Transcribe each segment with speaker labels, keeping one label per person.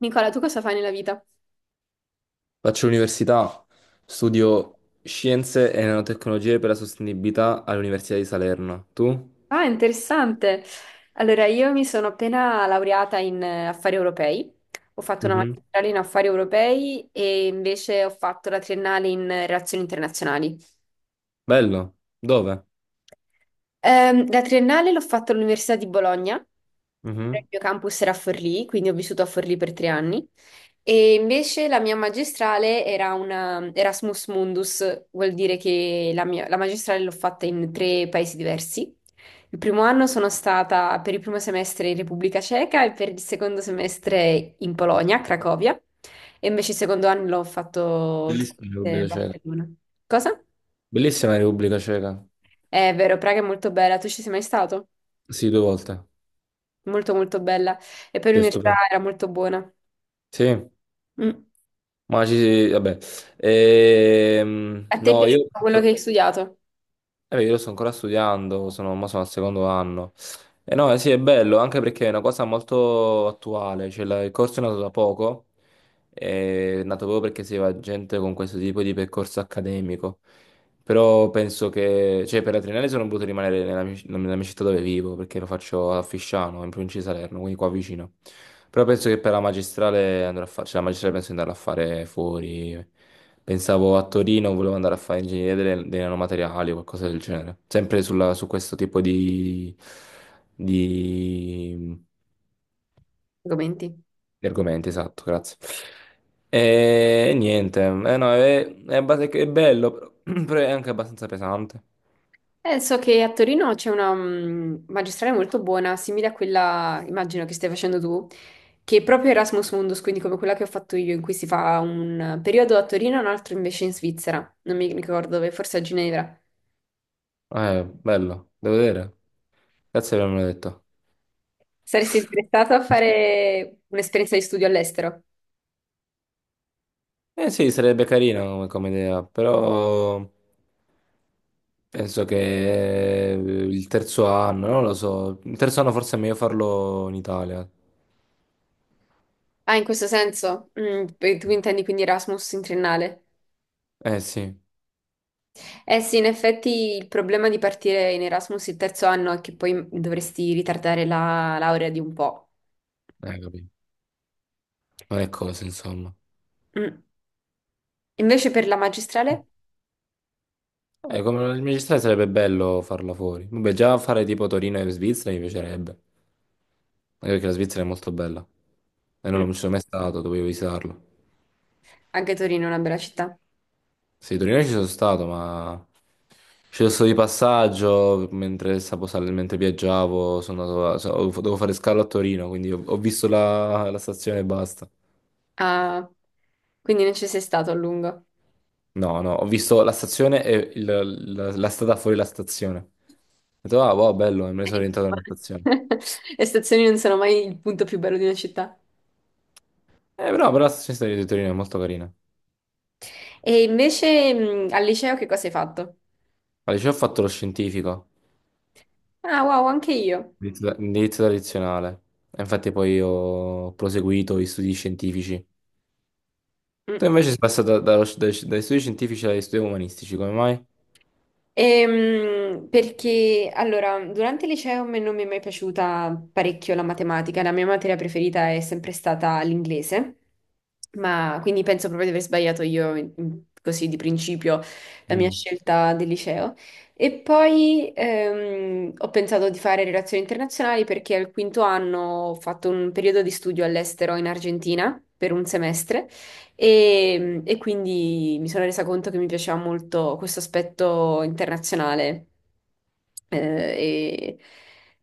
Speaker 1: Nicola, tu cosa fai nella vita?
Speaker 2: Faccio l'università, studio Scienze e Nanotecnologie per la Sostenibilità all'Università di Salerno. Tu?
Speaker 1: Ah, interessante. Allora, io mi sono appena laureata in affari europei, ho fatto una
Speaker 2: Mhm.
Speaker 1: magistrale in affari europei e invece ho fatto la triennale in relazioni internazionali.
Speaker 2: Bello. Dove?
Speaker 1: La triennale l'ho fatta all'Università di Bologna, il
Speaker 2: Mhm.
Speaker 1: mio campus era a Forlì, quindi ho vissuto a Forlì per tre anni. E invece la mia magistrale era una Erasmus Mundus, vuol dire che la magistrale l'ho fatta in tre paesi diversi. Il primo anno sono stata per il primo semestre in Repubblica Ceca e per il secondo semestre in Polonia, a Cracovia, e invece il secondo anno l'ho fatto tutto
Speaker 2: Bellissima la
Speaker 1: a
Speaker 2: Repubblica Ceca.
Speaker 1: Barcellona. Cosa?
Speaker 2: Bellissima la Repubblica Ceca.
Speaker 1: È vero, Praga è molto bella, tu ci sei mai stato?
Speaker 2: Sì, due volte.
Speaker 1: Molto molto bella, e poi
Speaker 2: Sì,
Speaker 1: l'università
Speaker 2: stupendo.
Speaker 1: era molto buona.
Speaker 2: Sì,
Speaker 1: Mm.
Speaker 2: ma ci... vabbè.
Speaker 1: A te è
Speaker 2: No, io...
Speaker 1: piaciuto quello che hai studiato?
Speaker 2: Beh, io lo sto ancora studiando, sono, ma sono al secondo anno. E no, eh sì, è bello, anche perché è una cosa molto attuale, cioè il corso è nato da poco, è nato proprio perché si va gente con questo tipo di percorso accademico. Però penso che, cioè, per la triennale sono voluto rimanere nella mia città dove vivo, perché lo faccio a Fisciano, in provincia di Salerno, quindi qua vicino. Però penso che per la magistrale andrò a fare, cioè la magistrale penso di andare a fare fuori. Pensavo a Torino, volevo andare a fare ingegneria dei nanomateriali o qualcosa del genere. Sempre su questo tipo di,
Speaker 1: Argomenti.
Speaker 2: di argomenti, esatto, grazie. E niente, eh no, è è bello, però però è anche abbastanza pesante.
Speaker 1: So che a Torino c'è una magistrale molto buona, simile a quella, immagino, che stai facendo tu, che è proprio Erasmus Mundus, quindi come quella che ho fatto io, in cui si fa un periodo a Torino e un altro invece in Svizzera, non mi ricordo dove, forse a Ginevra.
Speaker 2: Bello, devo vedere. Grazie per avermelo detto.
Speaker 1: Saresti interessato a fare un'esperienza di studio all'estero?
Speaker 2: Eh sì, sarebbe carina come, come idea, però penso che il terzo anno, non lo so. Il terzo anno forse è meglio farlo in Italia.
Speaker 1: Ah, in questo senso? Mm, tu intendi quindi Erasmus in triennale?
Speaker 2: Eh sì,
Speaker 1: Eh sì, in effetti il problema di partire in Erasmus il terzo anno è che poi dovresti ritardare la laurea di un po'.
Speaker 2: capito. Non è cosa, insomma.
Speaker 1: Mm. Invece per la magistrale,
Speaker 2: Come il magistrale sarebbe bello farla fuori. Vabbè, già fare tipo Torino e Svizzera mi piacerebbe. Anche perché la Svizzera è molto bella. E non
Speaker 1: mm,
Speaker 2: non ci sono mai stato, dovevo visitarlo.
Speaker 1: anche Torino è una bella città.
Speaker 2: Sì, Torino ci sono stato, ma ci sono stato di passaggio mentre, mentre viaggiavo, sono andato a- so- ho- dovevo fare scalo a Torino, quindi ho, ho visto la stazione e basta.
Speaker 1: Ah, quindi non ci sei stato a lungo.
Speaker 2: No, no, ho visto la stazione e la, la strada fuori la stazione. Ho detto, ah, wow, bello, e me ne sono
Speaker 1: Eh,
Speaker 2: rientrato nella stazione.
Speaker 1: le stazioni non sono mai il punto più bello di una città.
Speaker 2: Però, però la stazione di Torino è molto carina.
Speaker 1: E invece al liceo che cosa hai fatto?
Speaker 2: Al liceo ho fatto lo scientifico,
Speaker 1: Ah, wow, anche io.
Speaker 2: indirizzo tradizionale. E infatti poi ho proseguito gli studi scientifici. Tu
Speaker 1: Mm.
Speaker 2: invece sei passato dai, dai studi scientifici agli studi umanistici, come mai?
Speaker 1: Perché allora, durante il liceo a me non mi è mai piaciuta parecchio la matematica, la mia materia preferita è sempre stata l'inglese, ma quindi penso proprio di aver sbagliato io così di principio la mia
Speaker 2: Mm.
Speaker 1: scelta del liceo. E poi ho pensato di fare relazioni internazionali perché al quinto anno ho fatto un periodo di studio all'estero in Argentina per un semestre. E quindi mi sono resa conto che mi piaceva molto questo aspetto internazionale. Eh, e,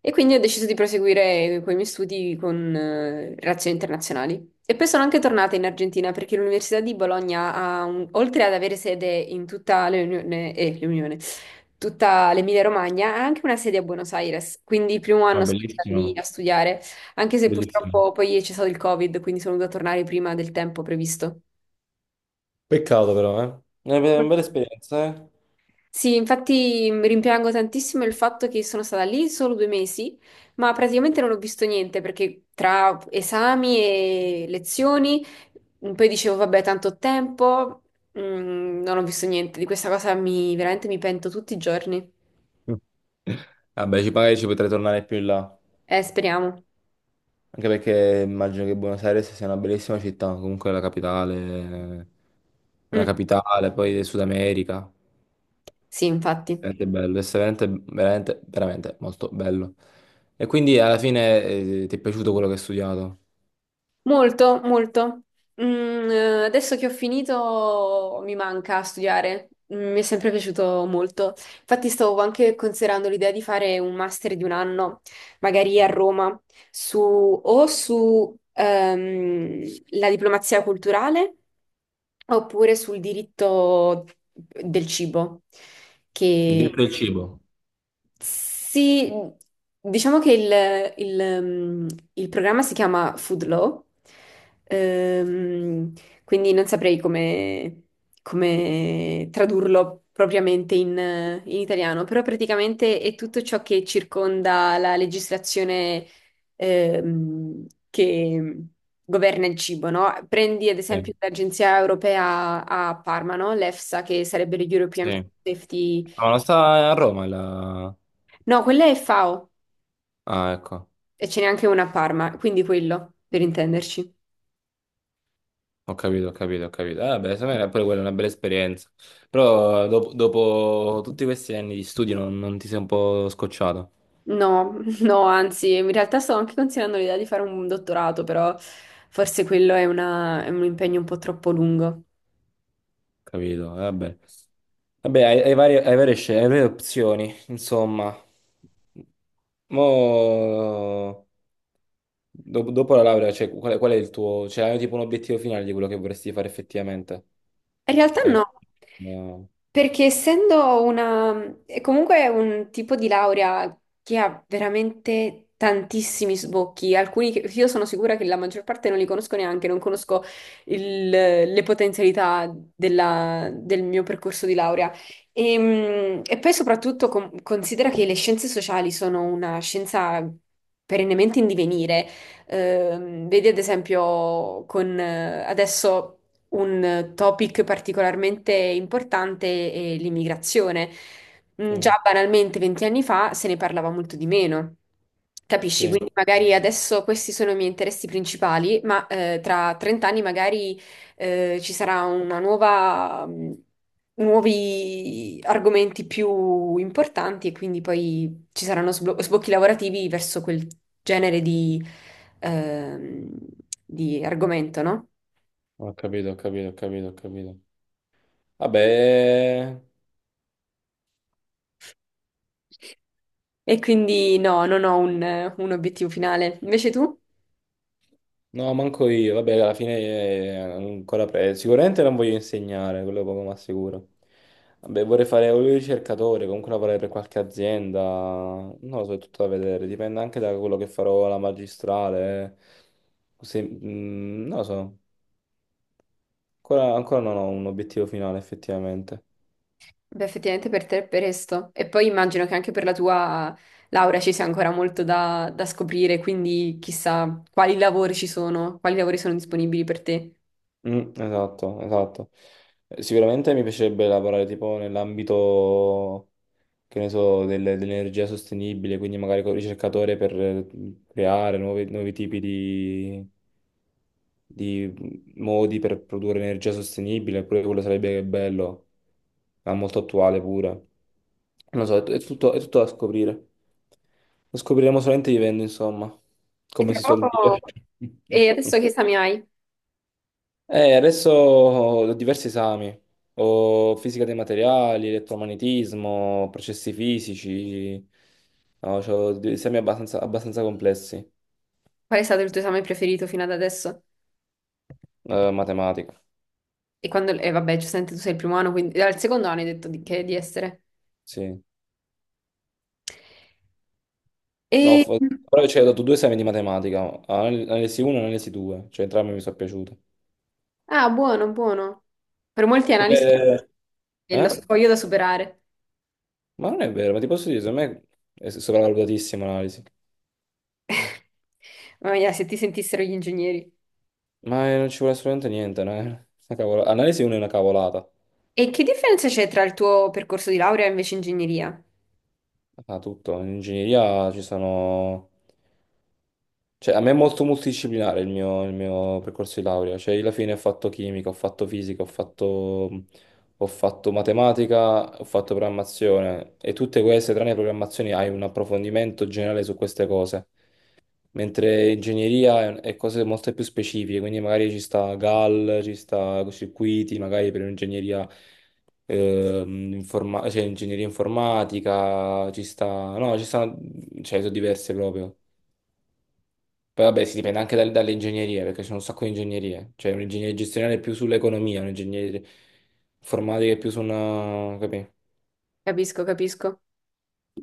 Speaker 1: e quindi ho deciso di proseguire con i miei studi con relazioni internazionali. E poi sono anche tornata in Argentina perché l'Università di Bologna oltre ad avere sede in tutta l'Unione, tutta l'Emilia-Romagna, ha anche una sede a Buenos Aires. Quindi il primo
Speaker 2: Ah,
Speaker 1: anno sono stata lì a
Speaker 2: bellissimo,
Speaker 1: studiare, anche se
Speaker 2: bellissimo.
Speaker 1: purtroppo poi c'è stato il Covid, quindi sono dovuta tornare prima del tempo previsto.
Speaker 2: Peccato però, eh. È una una bella esperienza, eh.
Speaker 1: Sì, infatti rimpiango tantissimo il fatto che sono stata lì solo due mesi, ma praticamente non ho visto niente perché tra esami e lezioni, poi dicevo, vabbè, tanto ho tempo, non ho visto niente. Di questa cosa mi, veramente mi pento tutti i giorni.
Speaker 2: Mm. Vabbè, ci, magari ci potrei tornare più in là,
Speaker 1: Speriamo.
Speaker 2: anche perché immagino che Buenos Aires sia una bellissima città, comunque è la capitale, è una
Speaker 1: Mm,
Speaker 2: capitale, poi del Sud America,
Speaker 1: sì, infatti.
Speaker 2: veramente bello, è veramente, veramente, veramente molto bello. E quindi alla fine ti è piaciuto quello che hai studiato?
Speaker 1: Molto, molto. Mm, adesso che ho finito mi manca studiare. Mm, mi è sempre piaciuto molto. Infatti stavo anche considerando l'idea di fare un master di un anno, magari a Roma, su, o su la diplomazia culturale oppure sul diritto del cibo. Mm. Che
Speaker 2: Dietro il cibo.
Speaker 1: sì, diciamo che il, il, mm, il programma si chiama Food Law, ehm, quindi non saprei come, come tradurlo propriamente in, in italiano, però praticamente è tutto ciò che circonda la legislazione, che governa il cibo, no? Prendi ad esempio
Speaker 2: Sì.
Speaker 1: l'Agenzia Europea a Parma, no? L'EFSA, che sarebbe
Speaker 2: Sì.
Speaker 1: l'European Food Safety...
Speaker 2: Ah, non sta a Roma la...
Speaker 1: No, quella è FAO.
Speaker 2: Ah, ecco,
Speaker 1: E ce n'è anche una a Parma, quindi quello, per intenderci.
Speaker 2: ho capito, ho capito, ho capito. Ah, beh, secondo me era pure quella una bella esperienza. Però dopo, dopo tutti questi anni di studio non, non ti sei un po' scocciato,
Speaker 1: No, no, anzi, in realtà sto anche considerando l'idea di fare un dottorato, però forse quello è un impegno un po' troppo lungo.
Speaker 2: capito? Vabbè, vabbè, hai, hai varie, hai varie hai varie opzioni, insomma. Mo... Dopo, dopo la laurea, cioè, qual è il tuo... Cioè, hai tipo un obiettivo finale di quello che vorresti fare effettivamente?
Speaker 1: In realtà
Speaker 2: O è-
Speaker 1: no,
Speaker 2: No.
Speaker 1: perché essendo una, è comunque un tipo di laurea che ha veramente tantissimi sbocchi, alcuni che io sono sicura che la maggior parte non li conosco neanche, non conosco le potenzialità del mio percorso di laurea. E poi soprattutto considera che le scienze sociali sono una scienza perennemente in divenire. Vedi ad esempio con adesso un topic particolarmente importante è l'immigrazione. Mm,
Speaker 2: Sì,
Speaker 1: già banalmente 20 anni fa se ne parlava molto di meno. Capisci?
Speaker 2: sì,
Speaker 1: Quindi magari adesso questi sono i miei interessi principali, ma tra 30 anni magari ci sarà una nuova, nuovi argomenti più importanti e quindi poi ci saranno sbocchi lavorativi verso quel genere ehm, di argomento, no?
Speaker 2: ho capito, ho capito, ho capito, ho capito. Vabbè,
Speaker 1: E quindi no, non ho un obiettivo finale. Invece tu?
Speaker 2: no, manco io. Vabbè, alla fine ancora presto. Sicuramente non voglio insegnare, quello poco ma sicuro. Vabbè, vorrei fare un ricercatore, comunque lavorare per qualche azienda. Non lo so, è tutto da vedere. Dipende anche da quello che farò alla magistrale. Eh. Non lo so. Ancora, ancora non ho un obiettivo finale, effettivamente.
Speaker 1: Beh, effettivamente per te è presto. E poi immagino che anche per la tua laurea ci sia ancora molto da, da scoprire, quindi chissà quali lavori ci sono, quali lavori sono disponibili per te.
Speaker 2: Mm, esatto, esatto. Sicuramente mi piacerebbe lavorare tipo nell'ambito. Che ne so, dell'energia sostenibile, quindi magari con il ricercatore per creare nuovi, nuovi tipi di modi per produrre energia sostenibile, pure quello sarebbe bello, ma molto attuale pure. Non lo so, è tutto da scoprire. Lo scopriremo solamente vivendo, insomma,
Speaker 1: E
Speaker 2: come
Speaker 1: tra
Speaker 2: si suol
Speaker 1: poco...
Speaker 2: dire.
Speaker 1: E adesso che esami hai?
Speaker 2: Adesso ho diversi esami, ho fisica dei materiali, elettromagnetismo, processi fisici, no, c'ho degli esami abbastanza, abbastanza complessi,
Speaker 1: Qual è stato il tuo esame preferito fino ad adesso?
Speaker 2: matematica,
Speaker 1: E quando... E vabbè, giustamente tu sei il primo anno, quindi al secondo anno hai detto di, che di essere.
Speaker 2: sì. No,
Speaker 1: E...
Speaker 2: però ci ho dato due esami di matematica, analisi 1 e analisi 2, cioè entrambi mi sono piaciute.
Speaker 1: Ah, buono, buono. Per molti analisti
Speaker 2: Pure-
Speaker 1: è lo
Speaker 2: Eh?
Speaker 1: scoglio da superare.
Speaker 2: Ma non è vero, ma ti posso dire, secondo me è sopravvalutatissima l'analisi.
Speaker 1: Mamma mia, se ti sentissero gli ingegneri.
Speaker 2: Ma non ci vuole assolutamente niente, no? È una analisi 1 è una cavolata.
Speaker 1: E che differenza c'è tra il tuo percorso di laurea e invece ingegneria?
Speaker 2: Ah, tutto. In ingegneria ci sono cioè, a me è molto multidisciplinare il mio percorso di laurea, cioè io alla fine ho fatto chimica, ho fatto fisica, ho fatto matematica, ho fatto programmazione e tutte queste, tranne le programmazioni, hai un approfondimento generale su queste cose, mentre ingegneria è cose molto più specifiche, quindi magari ci sta GAL, ci sta circuiti, magari per un'ingegneria cioè ingegneria informatica, ci sta, no, ci stanno, cioè sono diverse proprio. Poi vabbè, si dipende anche dalle ingegnerie, perché c'è un sacco di ingegnerie. Cioè, un'ingegneria gestionale è più sull'economia, un'ingegneria informatica è più su una... capì?
Speaker 1: Capisco, capisco.